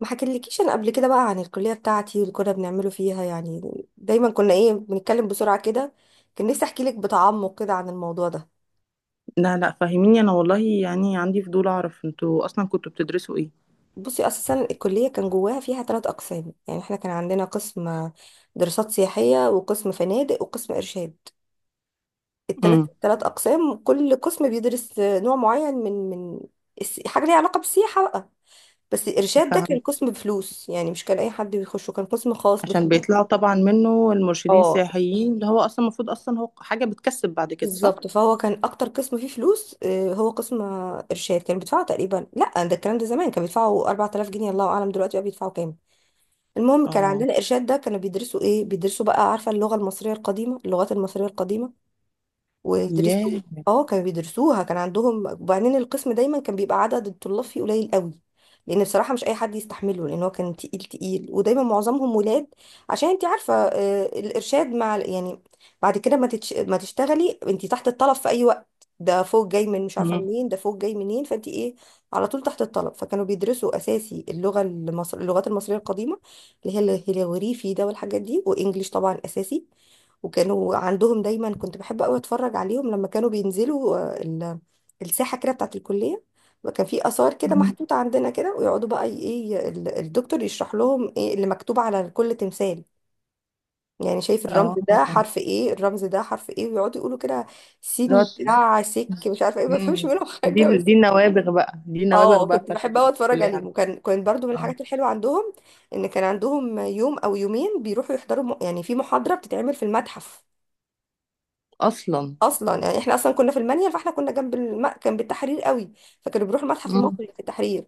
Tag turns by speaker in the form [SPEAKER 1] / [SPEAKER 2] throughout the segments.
[SPEAKER 1] ما حكيتلكيش انا قبل كده بقى عن الكليه بتاعتي واللي كنا بنعمله فيها يعني. دايما كنا ايه بنتكلم بسرعه كده. كان نفسي احكي لك بتعمق كده عن الموضوع ده.
[SPEAKER 2] لا لا، فاهميني. انا والله يعني عندي فضول اعرف انتوا اصلا كنتوا بتدرسوا ايه؟
[SPEAKER 1] بصي اساسا الكليه كان جواها فيها ثلاث اقسام، يعني احنا كان عندنا قسم دراسات سياحيه وقسم فنادق وقسم ارشاد. الثلاث
[SPEAKER 2] امم.
[SPEAKER 1] ثلاث اقسام، كل قسم بيدرس نوع معين من حاجه ليها علاقه بالسياحه بقى. بس الارشاد ده كان
[SPEAKER 2] فاهم.
[SPEAKER 1] قسم بفلوس، يعني مش كان اي حد بيخشه، كان قسم خاص
[SPEAKER 2] عشان
[SPEAKER 1] بفلوس.
[SPEAKER 2] بيطلعوا طبعا منه المرشدين
[SPEAKER 1] اه
[SPEAKER 2] السياحيين اللي هو اصلا المفروض اصلا هو حاجه بتكسب بعد كده، صح؟
[SPEAKER 1] بالظبط، فهو كان اكتر قسم فيه فلوس. هو قسم ارشاد كان بيدفعوا تقريبا، لا ده الكلام ده زمان كان بيدفعوا 4000 جنيه، الله اعلم دلوقتي بقى بيدفعوا كام. المهم كان
[SPEAKER 2] اه.
[SPEAKER 1] عندنا ارشاد ده، كانوا بيدرسوا ايه؟ بيدرسوا بقى، عارفه، اللغه المصريه القديمه، اللغات المصريه القديمه ويدرسوا.
[SPEAKER 2] ياه.
[SPEAKER 1] اه كانوا بيدرسوها، كان عندهم. وبعدين القسم دايما كان بيبقى عدد الطلاب فيه قليل قوي، لان بصراحه مش اي حد يستحمله، لان هو كان تقيل تقيل، ودايما معظمهم ولاد عشان انت عارفه الارشاد مع يعني بعد كده ما تشتغلي انت تحت الطلب في اي وقت. ده فوق جاي من مش عارفه
[SPEAKER 2] مم.
[SPEAKER 1] منين، ده فوق جاي منين، فانت ايه، على طول تحت الطلب. فكانوا بيدرسوا اساسي اللغات المصريه القديمه، اللي هي الهيروغليفي ده والحاجات دي، وانجليش طبعا اساسي. وكانوا عندهم دايما، كنت بحب قوي اتفرج عليهم لما كانوا بينزلوا الساحه كده بتاعت الكليه، وكان في اثار كده
[SPEAKER 2] مم.
[SPEAKER 1] محطوطه عندنا كده، ويقعدوا بقى الدكتور يشرح لهم ايه اللي مكتوب على كل تمثال. يعني شايف الرمز
[SPEAKER 2] اه.
[SPEAKER 1] ده حرف ايه، الرمز ده حرف ايه، ويقعدوا يقولوا كده
[SPEAKER 2] اللي هو
[SPEAKER 1] سين
[SPEAKER 2] ت-
[SPEAKER 1] دراع سك مش عارفه ايه، ما بفهمش
[SPEAKER 2] مم.
[SPEAKER 1] منهم حاجه
[SPEAKER 2] دي
[SPEAKER 1] بس.
[SPEAKER 2] دي النوابغ بقى دي النوابغ
[SPEAKER 1] اه
[SPEAKER 2] بقى
[SPEAKER 1] كنت
[SPEAKER 2] بتاعت
[SPEAKER 1] بحب قوي اتفرج
[SPEAKER 2] الكليه
[SPEAKER 1] عليهم.
[SPEAKER 2] عندك.
[SPEAKER 1] وكان برضو من
[SPEAKER 2] اه.
[SPEAKER 1] الحاجات الحلوه عندهم ان كان عندهم يوم او يومين بيروحوا يحضروا يعني في محاضره بتتعمل في المتحف.
[SPEAKER 2] اصلا.
[SPEAKER 1] اصلا يعني احنا اصلا كنا في المنيل، فاحنا كنا جنب كان بالتحرير قوي. فكانوا بيروحوا المتحف
[SPEAKER 2] مم.
[SPEAKER 1] المصري في التحرير.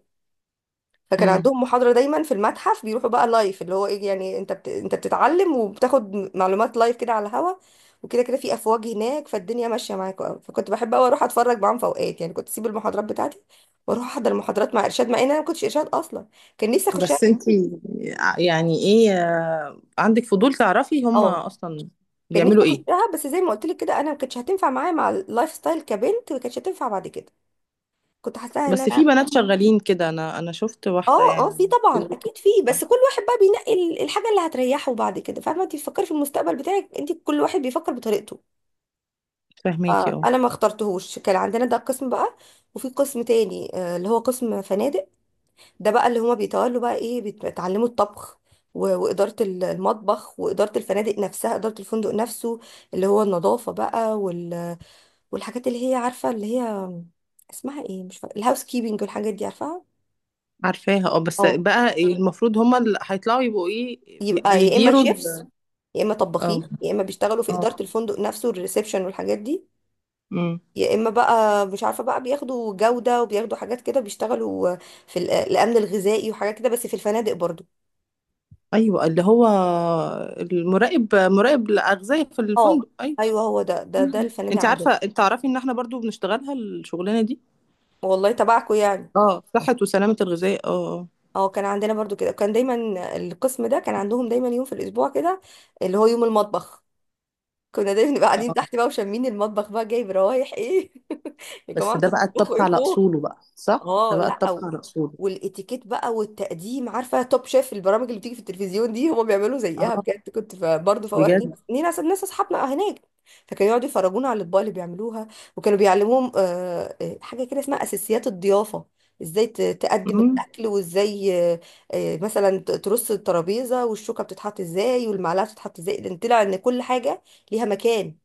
[SPEAKER 1] فكان
[SPEAKER 2] مم.
[SPEAKER 1] عندهم محاضره دايما في المتحف، بيروحوا بقى لايف، اللي هو ايه يعني، انت انت بتتعلم وبتاخد معلومات لايف كده على الهوا. وكده كده في افواج هناك، فالدنيا ماشيه معاك قوي، فكنت بحب قوي اروح اتفرج معاهم في اوقات. يعني كنت اسيب المحاضرات بتاعتي واروح احضر المحاضرات مع ارشاد، مع ان انا ما كنتش ارشاد اصلا. كان نفسي اخشها
[SPEAKER 2] بس
[SPEAKER 1] جدا.
[SPEAKER 2] انتي يعني ايه، عندك فضول تعرفي هم
[SPEAKER 1] اه
[SPEAKER 2] اصلا
[SPEAKER 1] كان نفسي
[SPEAKER 2] بيعملوا ايه؟
[SPEAKER 1] اخشها، بس زي ما قلت لك كده، انا ما كانتش هتنفع معايا مع اللايف ستايل كبنت، ما كانتش هتنفع بعد كده. كنت حاساها ان
[SPEAKER 2] بس في
[SPEAKER 1] انا.
[SPEAKER 2] بنات شغالين كده، انا شفت واحده
[SPEAKER 1] اه. في
[SPEAKER 2] يعني.
[SPEAKER 1] طبعا اكيد في، بس كل واحد بقى بينقي الحاجه اللي هتريحه بعد كده. فاهمه؟ انت بتفكري في المستقبل بتاعك، انت كل واحد بيفكر بطريقته.
[SPEAKER 2] فاهماكي. اه.
[SPEAKER 1] انا ما اخترتهوش، كان عندنا ده قسم بقى، وفي قسم تاني اللي هو قسم فنادق. ده بقى اللي هما بيتولوا بقى ايه، بيتعلموا الطبخ وإدارة المطبخ، وإدارة الفنادق نفسها، إدارة الفندق نفسه، اللي هو النظافة بقى والحاجات اللي هي، عارفة، اللي هي اسمها ايه، مش فاكرة، الهاوس كيبنج والحاجات دي، عارفاها.
[SPEAKER 2] عارفاها. اه. بس
[SPEAKER 1] اه
[SPEAKER 2] بقى المفروض هما اللي هيطلعوا، يبقوا ايه، بي-
[SPEAKER 1] يبقى يا إما
[SPEAKER 2] بيديروا
[SPEAKER 1] شيفس،
[SPEAKER 2] ال-
[SPEAKER 1] يا اما
[SPEAKER 2] اه.
[SPEAKER 1] طباخين، يا اما بيشتغلوا في
[SPEAKER 2] اه.
[SPEAKER 1] اداره الفندق نفسه، الريسبشن والحاجات دي.
[SPEAKER 2] امم.
[SPEAKER 1] يا اما بقى مش عارفه بقى، بياخدوا جوده وبياخدوا حاجات كده، بيشتغلوا في الامن الغذائي وحاجات كده، بس في الفنادق برضو.
[SPEAKER 2] ايوه اللي هو مراقب الاغذيه في
[SPEAKER 1] اه
[SPEAKER 2] الفندق، ايوه.
[SPEAKER 1] ايوه هو ده
[SPEAKER 2] مم.
[SPEAKER 1] الفنادق عندنا.
[SPEAKER 2] انت تعرفي ان احنا برضو بنشتغلها الشغلانه دي.
[SPEAKER 1] والله تبعكم يعني.
[SPEAKER 2] اه، صحه وسلامه الغذاء. اه.
[SPEAKER 1] اه كان عندنا برضو كده، كان دايما القسم ده كان عندهم دايما يوم في الاسبوع كده، اللي هو يوم المطبخ. كنا دايما نبقى
[SPEAKER 2] اه.
[SPEAKER 1] قاعدين
[SPEAKER 2] آه.
[SPEAKER 1] تحت بقى وشامين المطبخ بقى، جايب روايح ايه يا جماعه
[SPEAKER 2] بس ده
[SPEAKER 1] انتوا
[SPEAKER 2] بقى
[SPEAKER 1] بتطبخوا
[SPEAKER 2] الطبخ
[SPEAKER 1] ايه
[SPEAKER 2] على
[SPEAKER 1] فوق؟
[SPEAKER 2] اصوله، بقى صح؟ ده
[SPEAKER 1] اه
[SPEAKER 2] بقى
[SPEAKER 1] لا.
[SPEAKER 2] الطبخ
[SPEAKER 1] أو
[SPEAKER 2] على اصوله.
[SPEAKER 1] والاتيكيت بقى والتقديم، عارفه توب شيف، البرامج اللي بتيجي في التلفزيون دي، هما بيعملوا زيها
[SPEAKER 2] اه.
[SPEAKER 1] بجد. كنت برضه في اوقات لينا
[SPEAKER 2] بجد.
[SPEAKER 1] ناس، اصحابنا هناك، فكانوا يقعدوا يفرجونا على الاطباق اللي بيعملوها. وكانوا بيعلموهم حاجه كده اسمها اساسيات الضيافه. ازاي تقدم الاكل، وازاي مثلا ترص الترابيزه، والشوكه بتتحط ازاي، والمعلقه بتتحط ازاي، لان طلع ان كل حاجه ليها مكان،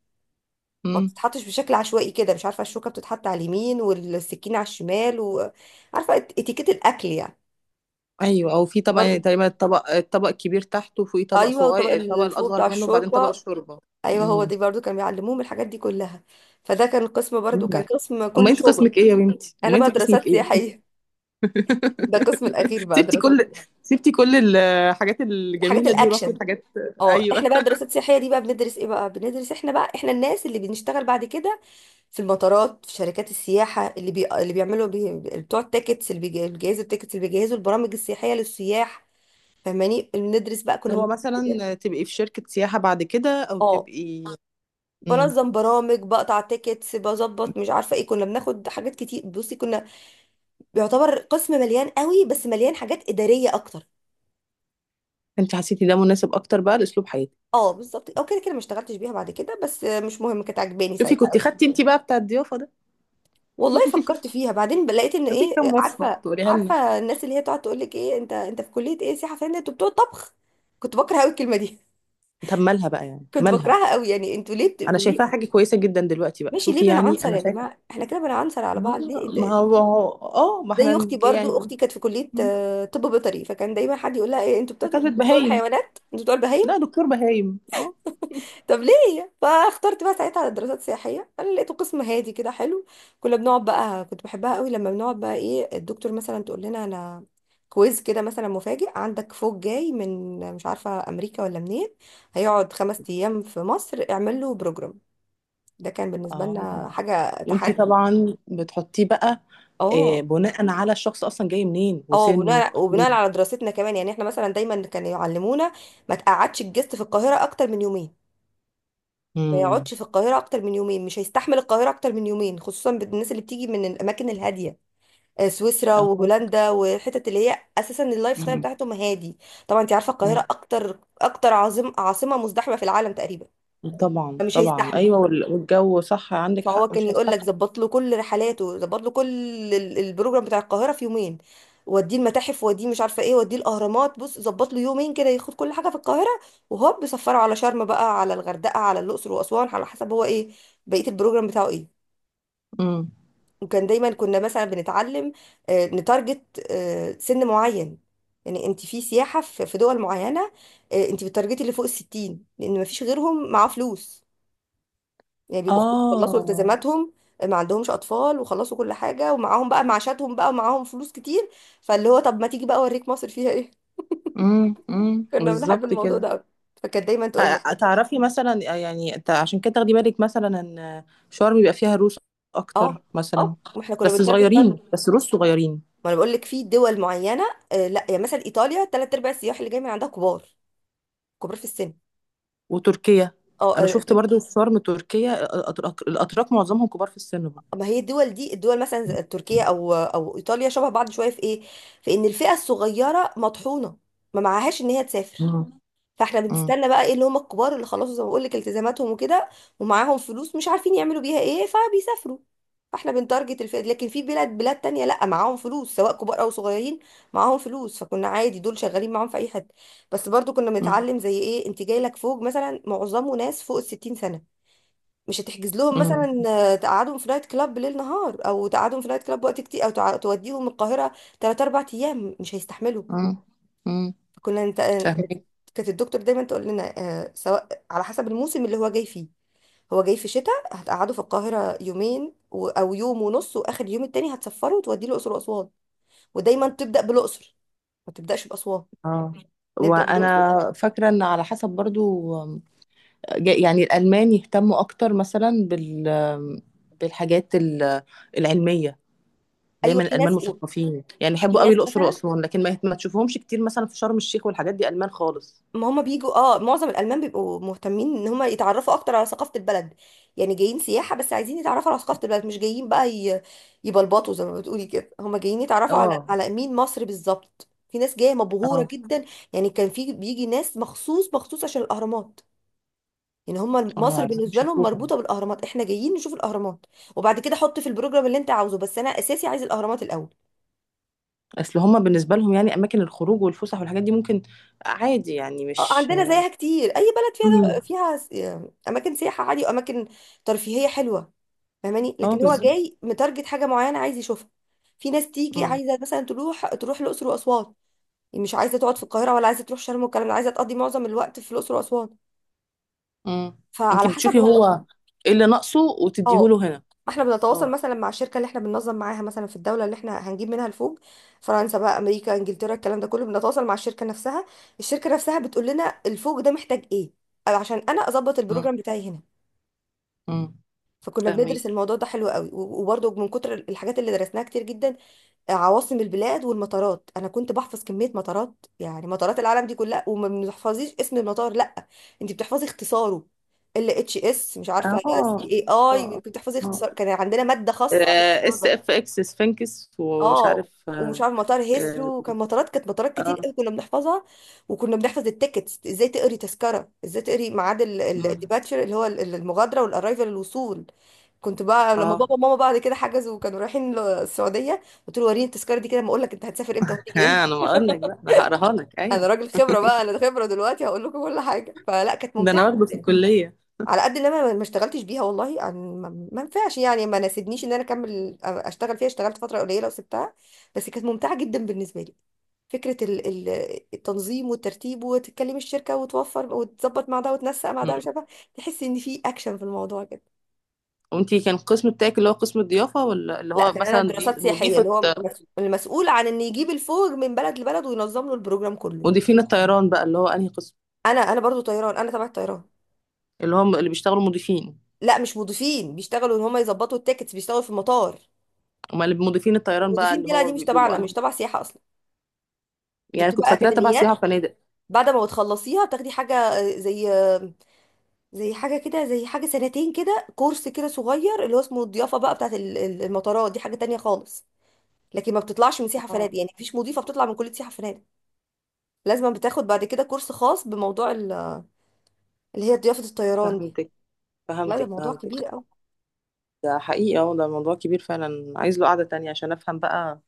[SPEAKER 1] ما
[SPEAKER 2] امم.
[SPEAKER 1] بتتحطش بشكل عشوائي كده. مش عارفه، الشوكه بتتحط على اليمين والسكينه على الشمال، وعارفه اتيكيت الاكل يعني.
[SPEAKER 2] ايوه، او في طبق يعني
[SPEAKER 1] برضو
[SPEAKER 2] تقريبا، الطبق الكبير تحته، وفوقيه طبق
[SPEAKER 1] ايوه، وطبق
[SPEAKER 2] صغير، الطبق
[SPEAKER 1] الفوق بتاع
[SPEAKER 2] الاصغر منه، وبعدين طبق
[SPEAKER 1] الشوربه.
[SPEAKER 2] الشوربه.
[SPEAKER 1] ايوه هو
[SPEAKER 2] امم.
[SPEAKER 1] دي، برضو كانوا بيعلموهم الحاجات دي كلها. فده كان قسم برضو،
[SPEAKER 2] لا،
[SPEAKER 1] كان قسم
[SPEAKER 2] امال
[SPEAKER 1] كله
[SPEAKER 2] انت
[SPEAKER 1] شغل.
[SPEAKER 2] قسمك ايه يا بنتي؟ امال
[SPEAKER 1] انا بقى
[SPEAKER 2] انت قسمك
[SPEAKER 1] دراسات
[SPEAKER 2] ايه؟
[SPEAKER 1] سياحيه، ده القسم الاخير بقى،
[SPEAKER 2] سبتي
[SPEAKER 1] دراسات.
[SPEAKER 2] كل سبتي كل الحاجات
[SPEAKER 1] حاجات
[SPEAKER 2] الجميله دي، ورحتي
[SPEAKER 1] الاكشن.
[SPEAKER 2] الحاجات.
[SPEAKER 1] اه
[SPEAKER 2] ايوه
[SPEAKER 1] احنا بقى دراسات سياحيه دي بقى بندرس ايه، بقى بندرس، احنا بقى احنا الناس اللي بنشتغل بعد كده في المطارات، في شركات السياحة، اللي اللي بتوع التيكتس، اللي الجهاز التيكتس، اللي بيجهزوا البرامج السياحية للسياح. فاهماني؟ بندرس بقى، كنا
[SPEAKER 2] اللي هو
[SPEAKER 1] بندرس بجد.
[SPEAKER 2] مثلا تبقي في شركه سياحه بعد كده، او
[SPEAKER 1] اه
[SPEAKER 2] تبقي. امم.
[SPEAKER 1] بنظم برامج، بقطع تيكتس بظبط، مش عارفة ايه، كنا بناخد حاجات كتير. بصي كنا بيعتبر قسم مليان قوي، بس مليان حاجات إدارية اكتر.
[SPEAKER 2] انت حسيتي ده مناسب اكتر بقى لاسلوب حياتك؟
[SPEAKER 1] اه بالظبط، او كده كده ما اشتغلتش بيها بعد كده، بس مش مهم، كانت عجباني
[SPEAKER 2] شوفي،
[SPEAKER 1] ساعتها.
[SPEAKER 2] كنت خدتي انت بقى بتاع الضيافه ده؟
[SPEAKER 1] والله فكرت فيها بعدين لقيت ان
[SPEAKER 2] ده في
[SPEAKER 1] ايه،
[SPEAKER 2] كام وصفه
[SPEAKER 1] عارفه،
[SPEAKER 2] تقوليها لنا؟
[SPEAKER 1] الناس اللي هي تقعد تقول لك ايه، انت انت في كليه ايه؟ سياحه فنيه، انتوا بتوع طبخ. كنت بكره قوي الكلمه دي.
[SPEAKER 2] طب مالها بقى، يعني
[SPEAKER 1] كنت
[SPEAKER 2] مالها.
[SPEAKER 1] بكرهها قوي، يعني انتوا
[SPEAKER 2] انا شايفاها
[SPEAKER 1] ليه.
[SPEAKER 2] حاجه كويسه جدا دلوقتي بقى،
[SPEAKER 1] ماشي ليه
[SPEAKER 2] شوفي يعني،
[SPEAKER 1] بنعنصر
[SPEAKER 2] انا
[SPEAKER 1] يا
[SPEAKER 2] شايفه.
[SPEAKER 1] جماعه، احنا كده بنعنصر على
[SPEAKER 2] ما
[SPEAKER 1] بعض ليه؟
[SPEAKER 2] هو
[SPEAKER 1] انت
[SPEAKER 2] ما هو هو- اه، ما احنا
[SPEAKER 1] زي اختي برضو،
[SPEAKER 2] يعني.
[SPEAKER 1] اختي كانت في كليه
[SPEAKER 2] م.
[SPEAKER 1] طب بيطري، فكان دايما حد يقول لها ايه،
[SPEAKER 2] دكاترة
[SPEAKER 1] انتوا بتوع
[SPEAKER 2] بهايم.
[SPEAKER 1] الحيوانات، انتوا بتوع
[SPEAKER 2] لا،
[SPEAKER 1] البهايم.
[SPEAKER 2] دكتور بهايم، اه.
[SPEAKER 1] طب ليه؟ فاخترت بقى ساعتها على دراسات سياحيه، انا لقيته قسم هادي كده حلو. كنا بنقعد بقى، كنت بحبها قوي لما بنقعد بقى ايه، الدكتور مثلا تقول لنا، انا كويز كده مثلا مفاجئ عندك، فوق جاي من مش عارفه امريكا ولا منين، هيقعد خمس ايام في مصر، اعمل له بروجرام. ده كان بالنسبه لنا
[SPEAKER 2] اه،
[SPEAKER 1] حاجه
[SPEAKER 2] وانتي
[SPEAKER 1] تحدي.
[SPEAKER 2] طبعا بتحطيه بقى،
[SPEAKER 1] اه.
[SPEAKER 2] بناء على الشخص اصلا جاي منين،
[SPEAKER 1] اه
[SPEAKER 2] وسنه
[SPEAKER 1] وبناء
[SPEAKER 2] اكيد.
[SPEAKER 1] على دراستنا كمان. يعني احنا مثلا دايما كانوا يعلمونا ما تقعدش الجست في القاهره اكتر من يومين، ما
[SPEAKER 2] امم.
[SPEAKER 1] يقعدش في القاهرة أكتر من يومين، مش هيستحمل القاهرة أكتر من يومين، خصوصا بالناس اللي بتيجي من الأماكن الهادية، سويسرا
[SPEAKER 2] اه.
[SPEAKER 1] وهولندا والحتت اللي هي أساسا اللايف ستايل
[SPEAKER 2] مم.
[SPEAKER 1] بتاعتهم هادي. طبعا أنت عارفة
[SPEAKER 2] مم.
[SPEAKER 1] القاهرة أكتر، عاصمة مزدحمة في العالم تقريبا.
[SPEAKER 2] طبعا
[SPEAKER 1] فمش
[SPEAKER 2] طبعا،
[SPEAKER 1] هيستحمل.
[SPEAKER 2] ايوه. والجو صح، عندك
[SPEAKER 1] فهو
[SPEAKER 2] حق،
[SPEAKER 1] كان
[SPEAKER 2] مش
[SPEAKER 1] يقول لك
[SPEAKER 2] هيستحمل.
[SPEAKER 1] ظبط له كل رحلاته، ظبط له كل البروجرام بتاع القاهره في يومين، وديه المتاحف، وديه مش عارفه ايه، وديه الاهرامات. بص ظبط له يومين كده ياخد كل حاجه في القاهره، وهوب بيسفره على شرم بقى، على الغردقه، على الاقصر واسوان، على حسب هو ايه بقيه البروجرام بتاعه ايه.
[SPEAKER 2] امم.
[SPEAKER 1] وكان دايما كنا مثلا بنتعلم نتارجت سن معين. يعني انت في سياحه في دول معينه، انت بتارجتي اللي فوق الستين، لان مفيش غيرهم معاه فلوس. يعني بيبقوا خلاص، خلصوا
[SPEAKER 2] اه.
[SPEAKER 1] التزاماتهم، ما عندهمش اطفال وخلصوا كل حاجه، ومعاهم بقى معاشاتهم بقى، ومعاهم فلوس كتير. فاللي هو طب ما تيجي بقى اوريك مصر فيها ايه.
[SPEAKER 2] امم. امم،
[SPEAKER 1] كنا بنحب
[SPEAKER 2] بالظبط
[SPEAKER 1] الموضوع ده
[SPEAKER 2] كده.
[SPEAKER 1] قوي. فكانت دايما تقول لك.
[SPEAKER 2] تعرفي مثلا، يعني انت عشان كده تاخدي بالك مثلا ان شرم بيبقى فيها روس
[SPEAKER 1] اه
[SPEAKER 2] اكتر مثلا.
[SPEAKER 1] اه واحنا كنا
[SPEAKER 2] بس
[SPEAKER 1] بنتارجت
[SPEAKER 2] صغيرين،
[SPEAKER 1] برضه.
[SPEAKER 2] بس روس صغيرين.
[SPEAKER 1] ما انا بقول لك في دول معينه. آه لا يعني مثلا ايطاليا ثلاث ارباع السياح اللي جاي من عندها كبار، كبار في السن.
[SPEAKER 2] وتركيا.
[SPEAKER 1] اه
[SPEAKER 2] انا شفت برضو في شرم تركيا، الأتراك، معظمهم كبار في السن برضو.
[SPEAKER 1] ما هي الدول دي، الدول مثلا زي تركيا او ايطاليا، شبه بعض شويه في ايه، في ان الفئه الصغيره مطحونه، ما معهاش ان هي تسافر.
[SPEAKER 2] مم.
[SPEAKER 1] فاحنا
[SPEAKER 2] مم.
[SPEAKER 1] بنستنى بقى ايه، اللي هم الكبار اللي خلصوا زي ما بقول لك التزاماتهم وكده، ومعاهم فلوس مش عارفين يعملوا بيها ايه، فبيسافروا. فاحنا بنتارجت الفئة دي. لكن في بلاد تانية، لا معاهم فلوس سواء كبار او صغيرين، معاهم فلوس، فكنا عادي دول شغالين معاهم في اي حد. بس برضو كنا
[SPEAKER 2] مم.
[SPEAKER 1] بنتعلم زي ايه، انت جاي لك فوق مثلا معظمه ناس فوق الستين سنة، مش هتحجز لهم
[SPEAKER 2] مم.
[SPEAKER 1] مثلا تقعدهم في نايت كلاب بالليل نهار، او تقعدهم في نايت كلاب وقت كتير، او توديهم القاهرة 3 4 ايام مش هيستحملوا.
[SPEAKER 2] مم. مم.
[SPEAKER 1] كنا انت
[SPEAKER 2] فاهمك.
[SPEAKER 1] كانت الدكتور دايما تقول لنا سواء على حسب الموسم اللي هو جاي فيه. هو جاي في شتاء، هتقعده في القاهرة يومين او يوم ونص، واخر يوم التاني هتسفره وتوديه الاقصر واسوان. ودايما تبدا بالاقصر، ما تبداش باسوان،
[SPEAKER 2] اه،
[SPEAKER 1] نبدا بالاقصر.
[SPEAKER 2] وانا فاكره ان على حسب برضو. يعني الالمان يهتموا اكتر مثلا بالحاجات العلميه.
[SPEAKER 1] ايوه
[SPEAKER 2] دايما
[SPEAKER 1] في
[SPEAKER 2] الالمان
[SPEAKER 1] ناس وفي
[SPEAKER 2] مثقفين، يعني يحبوا قوي
[SPEAKER 1] ناس
[SPEAKER 2] الاقصر
[SPEAKER 1] مثلا.
[SPEAKER 2] واسوان، لكن ما تشوفهمش كتير مثلا في شرم الشيخ والحاجات دي، المان خالص.
[SPEAKER 1] ما هما بيجوا اه، معظم الالمان بيبقوا مهتمين ان هما يتعرفوا اكتر على ثقافه البلد. يعني جايين سياحه بس عايزين يتعرفوا على ثقافه البلد، مش جايين بقى يبلبطوا زي ما بتقولي كده، هما جايين يتعرفوا على
[SPEAKER 2] اه.
[SPEAKER 1] مين مصر بالظبط. في ناس جايه
[SPEAKER 2] اه.
[SPEAKER 1] مبهوره جدا، يعني كان في بيجي ناس مخصوص مخصوص عشان الاهرامات. يعني هما
[SPEAKER 2] اه،
[SPEAKER 1] مصر
[SPEAKER 2] عايزين
[SPEAKER 1] بالنسبه لهم
[SPEAKER 2] يشوفوها.
[SPEAKER 1] مربوطه بالاهرامات، احنا جايين نشوف الاهرامات وبعد كده حط في البروجرام اللي انت عاوزه، بس انا اساسي عايز الاهرامات الاول.
[SPEAKER 2] اصل هما بالنسبه لهم يعني اماكن الخروج والفسح والحاجات دي ممكن، عادي يعني،
[SPEAKER 1] اه
[SPEAKER 2] مش.
[SPEAKER 1] عندنا زيها كتير، اي بلد
[SPEAKER 2] امم.
[SPEAKER 1] فيها اماكن سياحه عادي واماكن ترفيهيه حلوه. فاهماني؟
[SPEAKER 2] اه،
[SPEAKER 1] لكن هو
[SPEAKER 2] بالظبط.
[SPEAKER 1] جاي متارجت حاجه معينه عايز يشوفها. في ناس تيجي
[SPEAKER 2] امم.
[SPEAKER 1] عايزه مثلا تروح الاقصر واسوان، يعني مش عايزه تقعد في القاهره ولا عايزه تروح شرم والكلام ده، عايزه تقضي معظم الوقت في الاقصر واسوان.
[SPEAKER 2] امم. انت
[SPEAKER 1] فعلى حسب
[SPEAKER 2] بتشوفي
[SPEAKER 1] هو.
[SPEAKER 2] هو ايه اللي ناقصه
[SPEAKER 1] اه
[SPEAKER 2] وتديهوله هنا.
[SPEAKER 1] احنا بنتواصل
[SPEAKER 2] اه.
[SPEAKER 1] مثلا مع الشركه اللي احنا بننظم معاها، مثلا في الدوله اللي احنا هنجيب منها الفوج، فرنسا بقى، امريكا، انجلترا، الكلام ده كله، بنتواصل مع الشركه نفسها، الشركه نفسها بتقول لنا الفوج ده محتاج ايه، أو عشان انا اظبط
[SPEAKER 2] امم.
[SPEAKER 1] البروجرام بتاعي هنا.
[SPEAKER 2] امم.
[SPEAKER 1] فكنا بندرس
[SPEAKER 2] فاهمك.
[SPEAKER 1] الموضوع ده حلو قوي. وبرضه من كتر الحاجات اللي درسناها كتير جدا، عواصم البلاد والمطارات. انا كنت بحفظ كميه مطارات، يعني مطارات العالم دي كلها. وما بتحفظيش اسم المطار، لا انت بتحفظي اختصاره. ال اتش اس، مش عارفه،
[SPEAKER 2] اه.
[SPEAKER 1] سي اي اي،
[SPEAKER 2] اه.
[SPEAKER 1] بتحفظي
[SPEAKER 2] اه.
[SPEAKER 1] اختصار. كان عندنا ماده خاصه
[SPEAKER 2] اس
[SPEAKER 1] بالموضوع
[SPEAKER 2] اف
[SPEAKER 1] ده.
[SPEAKER 2] اكس سفنكس، ومش
[SPEAKER 1] اه
[SPEAKER 2] عارف.
[SPEAKER 1] ومش
[SPEAKER 2] اه.
[SPEAKER 1] عارف مطار
[SPEAKER 2] اه.
[SPEAKER 1] هيثرو، وكان مطارات، مطارات كتير
[SPEAKER 2] آه،
[SPEAKER 1] قوي كنا بنحفظها. وكنا بنحفظ التيكتس ازاي، تقري تذكره ازاي، تقري ميعاد
[SPEAKER 2] مم.
[SPEAKER 1] الديباتشر اللي هو المغادره، والارايفل الوصول. كنت بقى لما
[SPEAKER 2] آه.
[SPEAKER 1] بابا وماما بعد كده حجزوا وكانوا رايحين السعوديه، قلت له وريني التذكره دي كده ما اقول لك انت هتسافر امتى وهتيجي امتى.
[SPEAKER 2] ها، انا بقول لك بقى انا هقراها لك،
[SPEAKER 1] انا
[SPEAKER 2] ايوه.
[SPEAKER 1] راجل خبره بقى، انا خبره دلوقتي هقول لكم كل حاجه. فلا كانت
[SPEAKER 2] ده
[SPEAKER 1] ممتعه
[SPEAKER 2] انا واخده في
[SPEAKER 1] جدا،
[SPEAKER 2] الكليه.
[SPEAKER 1] على قد ان انا ما اشتغلتش بيها والله. ما ينفعش يعني، ما ناسبنيش ان انا اكمل اشتغل فيها. اشتغلت فتره قليله وسبتها، بس كانت ممتعه جدا بالنسبه لي. فكره التنظيم والترتيب، وتتكلم الشركه وتوفر وتظبط مع ده وتنسق مع
[SPEAKER 2] مم.
[SPEAKER 1] ده، مش عارفه، تحس ان في اكشن في الموضوع كده.
[SPEAKER 2] وانتي كان القسم بتاعك اللي هو قسم الضيافه، ولا اللي
[SPEAKER 1] لا
[SPEAKER 2] هو
[SPEAKER 1] كان انا
[SPEAKER 2] مثلا دي
[SPEAKER 1] دراسات سياحيه، اللي
[SPEAKER 2] مضيفه؟
[SPEAKER 1] هو المسؤول عن ان يجيب الفوج من بلد لبلد وينظم له البروجرام كله.
[SPEAKER 2] مضيفين الطيران بقى اللي هو انهي قسم؟
[SPEAKER 1] انا برضو طيران، انا تبع الطيران.
[SPEAKER 2] اللي هم اللي بيشتغلوا مضيفين.
[SPEAKER 1] لا مش مضيفين، بيشتغلوا ان هم يظبطوا التيكتس، بيشتغلوا في المطار.
[SPEAKER 2] امال اللي مضيفين الطيران بقى
[SPEAKER 1] المضيفين
[SPEAKER 2] اللي
[SPEAKER 1] دي لا، دي
[SPEAKER 2] هو
[SPEAKER 1] مش
[SPEAKER 2] بيبقوا
[SPEAKER 1] تبعنا،
[SPEAKER 2] أنهي؟
[SPEAKER 1] مش تبع سياحه اصلا، دي
[SPEAKER 2] يعني كنت
[SPEAKER 1] بتبقى
[SPEAKER 2] فاكراه تبع
[SPEAKER 1] اكاديميات.
[SPEAKER 2] سياحه وفنادق.
[SPEAKER 1] بعد ما بتخلصيها بتاخدي حاجه زي حاجه كده، زي حاجه سنتين كده، كورس كده صغير، اللي هو اسمه الضيافه بقى بتاعت المطارات، دي حاجه تانية خالص. لكن ما بتطلعش من سياحه
[SPEAKER 2] اه.
[SPEAKER 1] فنادق، يعني مفيش مضيفه بتطلع من كليه سياحه فنادق، لازم بتاخد بعد كده كورس خاص بموضوع اللي هي ضيافه الطيران دي.
[SPEAKER 2] فهمتك.
[SPEAKER 1] لا ده
[SPEAKER 2] فهمتك.
[SPEAKER 1] موضوع
[SPEAKER 2] فهمتك.
[SPEAKER 1] كبير قوي.
[SPEAKER 2] ده حقيقي، اه، ده موضوع كبير فعلا، عايز له قعده تانية عشان افهم بقى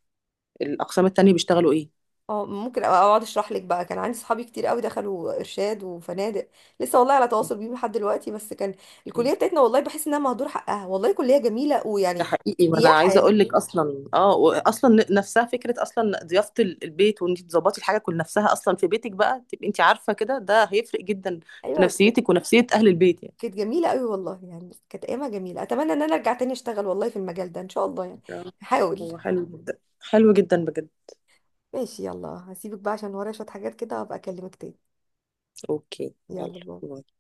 [SPEAKER 2] الاقسام التانية بيشتغلوا ايه.
[SPEAKER 1] اه ممكن أبقى اقعد اشرح لك بقى. كان عندي صحابي كتير قوي دخلوا ارشاد وفنادق، لسه والله على تواصل بيهم لحد دلوقتي. بس كان
[SPEAKER 2] مم.
[SPEAKER 1] الكليه بتاعتنا والله بحس انها مهدور حقها، والله كليه جميله
[SPEAKER 2] ده
[SPEAKER 1] ويعني
[SPEAKER 2] حقيقي، وانا
[SPEAKER 1] سياحه
[SPEAKER 2] عايزه
[SPEAKER 1] يعني.
[SPEAKER 2] اقول لك، اصلا نفسها فكره اصلا، ضيافه البيت، وان انت تظبطي الحاجه كل نفسها اصلا في بيتك، بقى تبقي انت عارفه كده ده هيفرق جدا في
[SPEAKER 1] ايوه كانت،
[SPEAKER 2] نفسيتك ونفسيه اهل البيت، يعني.
[SPEAKER 1] كانت جميله قوي والله، يعني كانت ايامها جميله. اتمنى ان انا ارجع تاني اشتغل والله في المجال ده ان شاء الله يعني،
[SPEAKER 2] آه،
[SPEAKER 1] هحاول.
[SPEAKER 2] هو حلو جدا، حلو جدا، بجد.
[SPEAKER 1] ماشي يلا، هسيبك بقى عشان ورايا شويه حاجات كده، وابقى اكلمك تاني.
[SPEAKER 2] اوكي، يلا.
[SPEAKER 1] يلا باي.
[SPEAKER 2] باي.